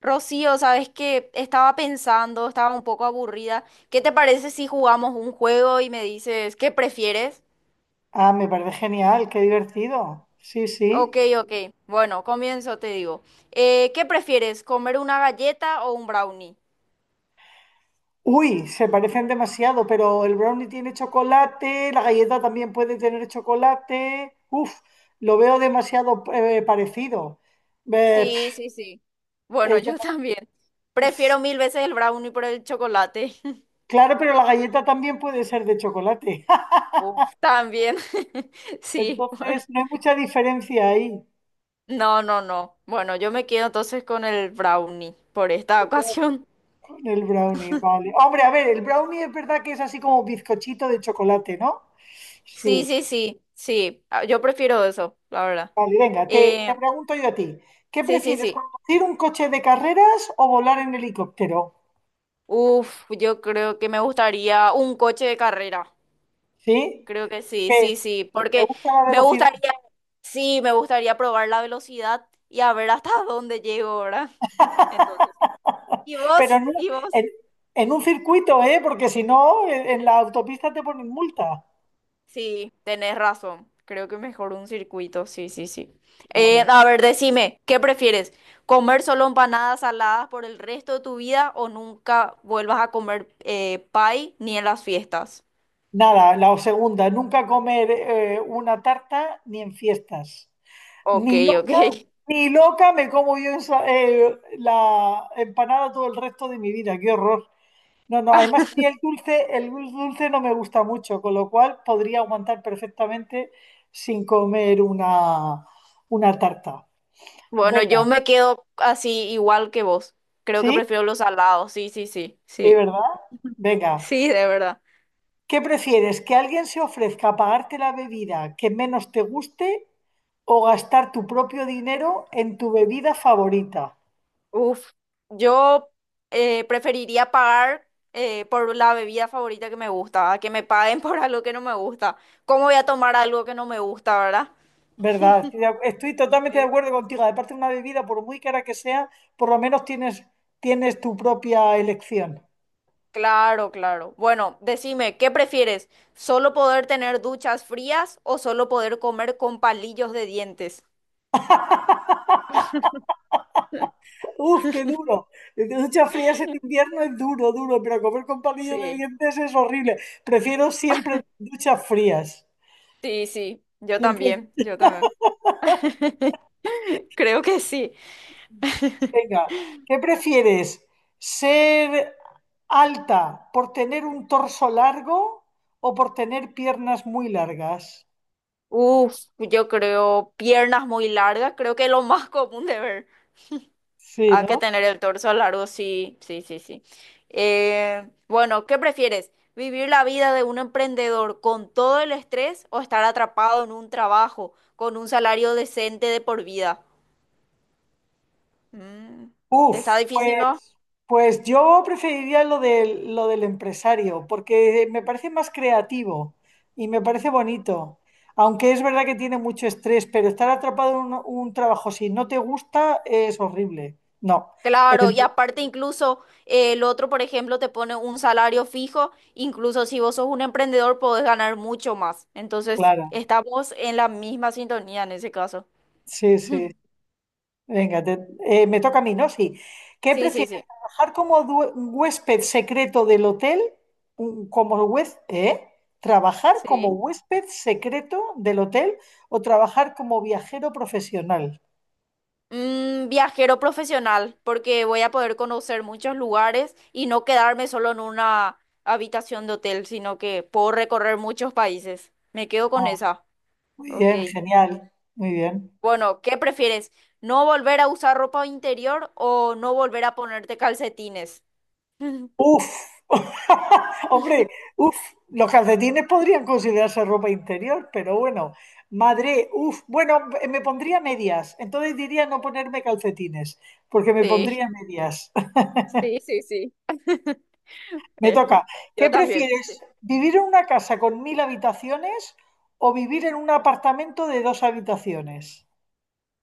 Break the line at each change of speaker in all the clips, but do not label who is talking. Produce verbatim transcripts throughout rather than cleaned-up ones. Rocío, sabes que estaba pensando, estaba un poco aburrida. ¿Qué te parece si jugamos un juego y me dices qué prefieres?
Ah, me parece genial, qué divertido. Sí,
Ok,
sí.
ok. Bueno, comienzo, te digo. Eh, ¿qué prefieres, comer una galleta o un brownie?
Uy, se parecen demasiado, pero el brownie tiene chocolate, la galleta también puede tener chocolate. Uf, lo veo demasiado eh, parecido. Eh,
Sí,
pf,
sí, sí. Bueno,
es
yo
dema-
también. Prefiero mil veces el brownie por el chocolate.
claro, pero la galleta también puede ser de chocolate.
Uf, también. Sí, bueno.
Entonces, no hay mucha diferencia ahí.
No, no, no. Bueno, yo me quedo entonces con el brownie por esta
Se queda
ocasión.
con el brownie, vale. Hombre, a ver, el brownie es verdad que es así como bizcochito de chocolate, ¿no?
Sí,
Sí.
sí, sí, sí. Ah, yo prefiero eso, la verdad.
Vale, venga, te, te
Eh,
pregunto yo a ti. ¿Qué
sí, sí,
prefieres,
sí.
conducir un coche de carreras o volar en helicóptero?
Uf, yo creo que me gustaría un coche de carrera.
¿Sí?
Creo que sí,
Que
sí, sí.
te
Porque
gusta la
me
velocidad,
gustaría, sí, me gustaría probar la velocidad y a ver hasta dónde llego, ¿verdad? Entonces, sí. ¿Y
pero
vos?
en, un
¿Y vos?
en- en un circuito, ¿eh? Porque si no, en, en la autopista te ponen multa.
Sí, tenés razón. Creo que mejor un circuito, sí, sí, sí. Eh,
Claro.
a ver, decime, ¿qué prefieres? ¿Comer solo empanadas saladas por el resto de tu vida o nunca vuelvas a comer eh, pie ni en las fiestas?
Nada, la segunda, nunca comer eh, una tarta ni en fiestas.
Ok,
Ni
ok.
loca, ni loca me como yo esa- eh, la empanada todo el resto de mi vida, qué horror. No, no, además a mí el dulce, el dulce no me gusta mucho, con lo cual podría aguantar perfectamente sin comer una, una tarta.
Bueno, yo
Venga,
me quedo así igual que vos. Creo que
¿sí?
prefiero los salados, sí, sí, sí,
¿Sí,
sí.
verdad? Venga.
Sí, de verdad.
¿Qué prefieres? ¿Que alguien se ofrezca a pagarte la bebida que menos te guste o gastar tu propio dinero en tu bebida favorita?
Uf, yo eh, preferiría pagar eh, por la bebida favorita que me gusta, a que me paguen por algo que no me gusta. ¿Cómo voy a tomar algo que no me gusta, verdad?
¿Verdad? Estoy, de- ac- estoy totalmente de
Sí.
acuerdo contigo. Aparte de una bebida, por muy cara que sea, por lo menos tienes, tienes tu propia elección.
Claro, claro. Bueno, decime, ¿qué prefieres? ¿Solo poder tener duchas frías o solo poder comer con palillos de dientes?
Uf, qué duro. Duchas frías en este invierno es duro, duro, pero comer con palillos de
Sí.
dientes es horrible. Prefiero siempre duchas frías.
Sí, sí, yo
Siempre,
también, yo también. Creo que sí.
venga, ¿qué prefieres? ¿Ser alta por tener un torso largo o por tener piernas muy largas?
Uf, yo creo piernas muy largas, creo que es lo más común de ver.
Sí,
Hay que
¿no?
tener el torso largo, sí, sí, sí, sí. Eh, bueno, ¿qué prefieres? ¿Vivir la vida de un emprendedor con todo el estrés o estar atrapado en un trabajo con un salario decente de por vida? Mm,
Uf,
Está difícil, ¿no?
pues. Pues yo preferiría lo del, lo del empresario, porque me parece más creativo y me parece bonito. Aunque es verdad que tiene mucho estrés, pero estar atrapado en un, un trabajo si no te gusta es horrible. No, el
Claro, y
empre-
aparte incluso eh, el otro, por ejemplo, te pone un salario fijo, incluso si vos sos un emprendedor podés ganar mucho más. Entonces,
claro.
estamos en la misma sintonía en ese caso.
Sí, sí. Venga, te- eh, me toca a mí, ¿no? Sí. ¿Qué
Sí, sí, sí.
prefieres? ¿Trabajar como due- huésped secreto del hotel? Un- Como huésped, ¿eh? ¿Trabajar como
Sí.
huésped secreto del hotel o trabajar como viajero profesional?
Mm, viajero profesional, porque voy a poder conocer muchos lugares y no quedarme solo en una habitación de hotel, sino que puedo recorrer muchos países. Me quedo con
Ah,
esa.
muy
Ok.
bien, genial, muy bien.
Bueno, ¿qué prefieres? ¿No volver a usar ropa interior o no volver a ponerte calcetines?
Uf, hombre, uf, los calcetines podrían considerarse ropa interior, pero bueno, madre, uf, bueno, eh, me pondría medias, entonces diría no ponerme calcetines, porque me
Sí,
pondría medias.
Sí, sí, sí.
Me
eh,
toca. ¿Qué
yo también.
prefieres,
Sí.
vivir en una casa con mil habitaciones o vivir en un apartamento de dos habitaciones?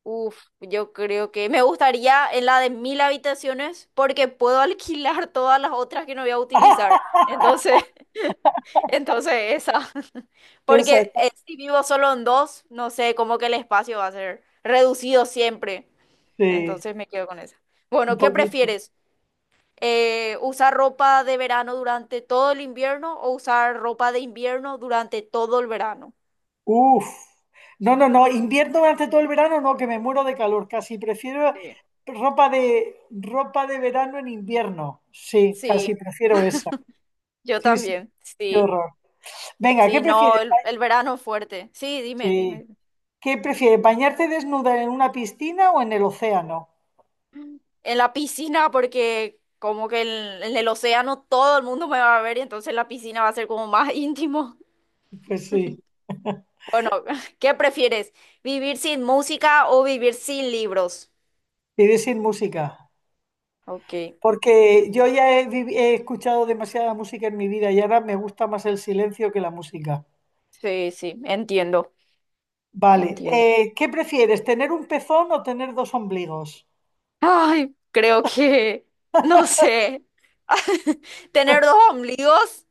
Uf, yo creo que me gustaría en la de mil habitaciones porque puedo alquilar todas las otras que no voy a utilizar. Entonces, entonces esa.
Esa
Porque
está,
eh, si vivo solo en dos, no sé, como que el espacio va a ser reducido siempre.
sí,
Entonces me quedo con esa.
un
Bueno, ¿qué
poquito.
prefieres? Eh, usar ropa de verano durante todo el invierno o usar ropa de invierno durante todo el verano.
Uf, no, no, no, invierno durante todo el verano, no, que me muero de calor, casi prefiero
Sí.
ropa de ropa de verano en invierno. Sí, casi
Sí,
prefiero esa.
yo
Sí, sí,
también,
qué
sí,
horror. Venga, ¿qué
sí, no,
prefieres?
el, el verano es fuerte. Sí, dime, dime.
Sí.
dime.
¿Qué prefieres, bañarte desnuda en una piscina o en el océano?
En la piscina, porque como que en, en el océano todo el mundo me va a ver y entonces la piscina va a ser como más íntimo.
Pues sí,
Bueno, ¿qué prefieres? ¿Vivir sin música o vivir sin libros?
iré sin música,
Ok,
porque yo ya he, vivi- he escuchado demasiada música en mi vida y ahora me gusta más el silencio que la música.
sí, sí, entiendo,
Vale,
entiendo.
eh, ¿qué prefieres, tener un pezón o tener dos ombligos?
Ay, creo que, no sé, tener dos ombligos,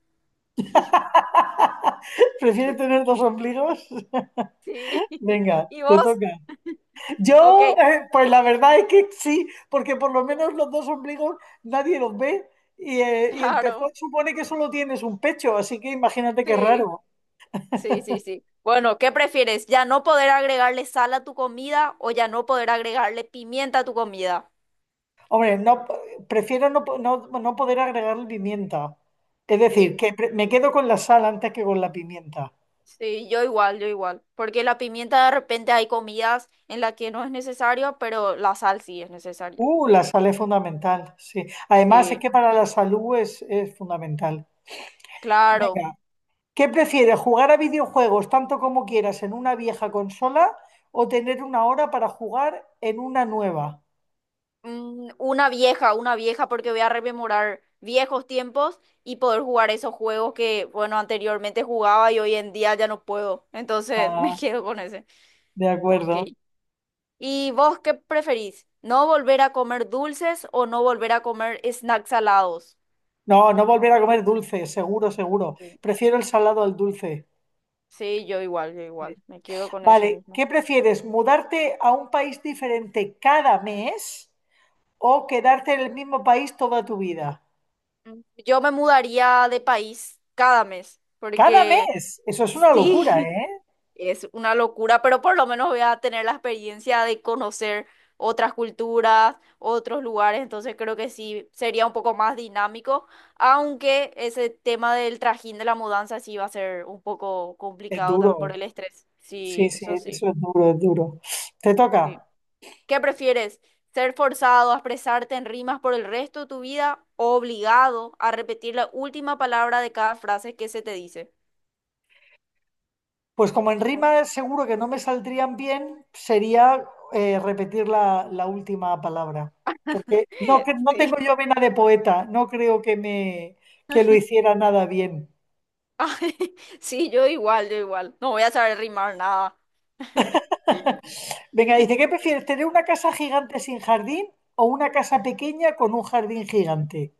¿Prefiere tener dos ombligos?
sí.
Venga,
¿Y
te
vos?
toca.
Ok,
Yo, eh, pues la verdad es que sí, porque por lo menos los dos ombligos nadie los ve y, eh, y el pezón
claro,
supone que solo tienes un pecho, así que imagínate qué
sí,
raro.
sí, sí, sí. Bueno, ¿qué prefieres? ¿Ya no poder agregarle sal a tu comida o ya no poder agregarle pimienta a tu comida?
Hombre, no, prefiero no, po- no- no poder agregar pimienta. Es
Sí,
decir, que pre- me quedo con la sal antes que con la pimienta.
sí, yo igual, yo igual. Porque la pimienta de repente hay comidas en las que no es necesario, pero la sal sí es necesaria.
Uh, la sal es fundamental, sí. Además, es
Sí,
que para la salud es, es fundamental.
claro.
Venga, ¿qué prefieres, jugar a videojuegos tanto como quieras en una vieja consola o tener una hora para jugar en una nueva?
Mm, Una vieja, una vieja, porque voy a rememorar viejos tiempos y poder jugar esos juegos que, bueno, anteriormente jugaba y hoy en día ya no puedo. Entonces me
Ah,
quedo con ese.
de
Ok.
acuerdo.
¿Y vos qué preferís? ¿No volver a comer dulces o no volver a comer snacks salados?
No, no volver a comer dulce, seguro, seguro.
Sí,
Prefiero el salado al dulce.
Sí, yo igual, yo
Sí.
igual. Me quedo con ese
Vale,
mismo.
¿qué prefieres, mudarte a un país diferente cada mes o quedarte en el mismo país toda tu vida?
Mm, Yo me mudaría de país cada mes,
Cada
porque
mes. Eso es una locura,
sí,
¿eh?
es una locura, pero por lo menos voy a tener la experiencia de conocer otras culturas, otros lugares, entonces creo que sí sería un poco más dinámico, aunque ese tema del trajín de la mudanza sí va a ser un poco
Es
complicado también
duro.
por el estrés.
Sí,
Sí,
sí,
eso sí,
eso es duro, es duro. Te
sí.
toca.
¿Qué prefieres? ¿Ser forzado a expresarte en rimas por el resto de tu vida o obligado a repetir la última palabra de cada frase que se te dice?
Pues como en rima seguro que no me saldrían bien, sería eh, repetir la, la última palabra. Porque no, cre- no tengo
Sí.
yo vena de poeta, no creo que me que lo hiciera nada bien.
Ay, sí, yo igual, yo igual. No voy a saber rimar nada.
Venga, dice, ¿qué prefieres, tener una casa gigante sin jardín o una casa pequeña con un jardín gigante?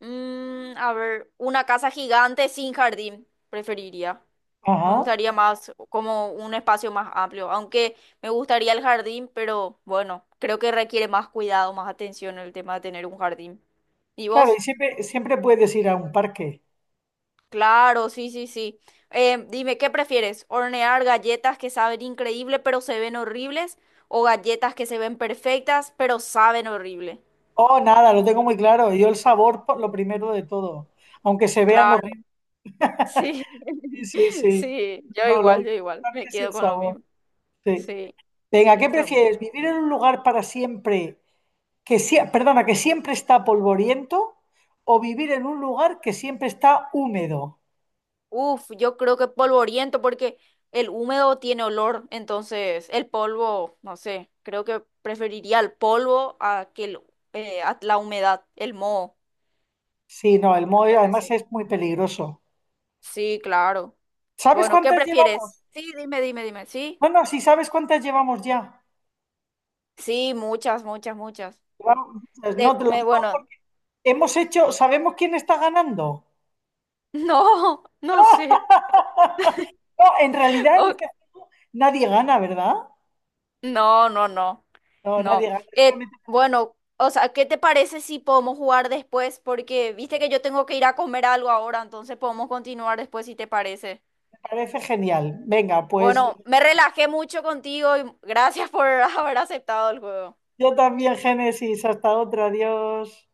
Mm, a ver, una casa gigante sin jardín, preferiría. Me
Ajá.
gustaría más como un espacio más amplio, aunque me gustaría el jardín, pero bueno, creo que requiere más cuidado, más atención el tema de tener un jardín. ¿Y
Claro, y
vos?
siempre, siempre puedes ir a un parque.
Claro, sí, sí, sí. Eh, dime, ¿qué prefieres? ¿Hornear galletas que saben increíble pero se ven horribles? ¿O galletas que se ven perfectas pero saben horrible?
Oh, nada, lo tengo muy claro. Yo el sabor, por lo primero de todo. Aunque se vean
Claro.
horribles,
Sí,
sí, sí.
sí, yo
No, lo
igual, yo igual,
importante
me
es el
quedo con lo
sabor.
mismo.
Sí.
Sí,
Venga, ¿qué
es lo mismo.
prefieres? ¿Vivir en un lugar para siempre que sie- perdona, que siempre está polvoriento o vivir en un lugar que siempre está húmedo?
Uf, yo creo que polvoriento porque el húmedo tiene olor, entonces el polvo, no sé, creo que preferiría el polvo a que el- eh, a la humedad, el moho.
Sí, no, el moho
Creo que
además
sí.
es muy peligroso.
Sí, claro.
¿Sabes
Bueno, ¿qué
cuántas
prefieres?
llevamos?
Sí, dime, dime, dime. Sí,
No, no, sí sabes cuántas llevamos ya.
sí, muchas, muchas, muchas.
Llevamos muchas,
Te-
no te lo
me,
digo
bueno,
porque hemos hecho, ¿sabemos quién está ganando?
no, no sé.
No, en realidad en
Ok.
este juego nadie gana, ¿verdad?
No, no, no,
No, nadie
no.
gana.
Eh,
Solamente
bueno, o sea, ¿qué te parece si podemos jugar después? Porque viste que yo tengo que ir a comer algo ahora, entonces podemos continuar después si te parece.
me parece genial. Venga, pues
Bueno, me relajé mucho contigo y gracias por haber aceptado el juego.
yo también, Génesis. Hasta otro. Adiós.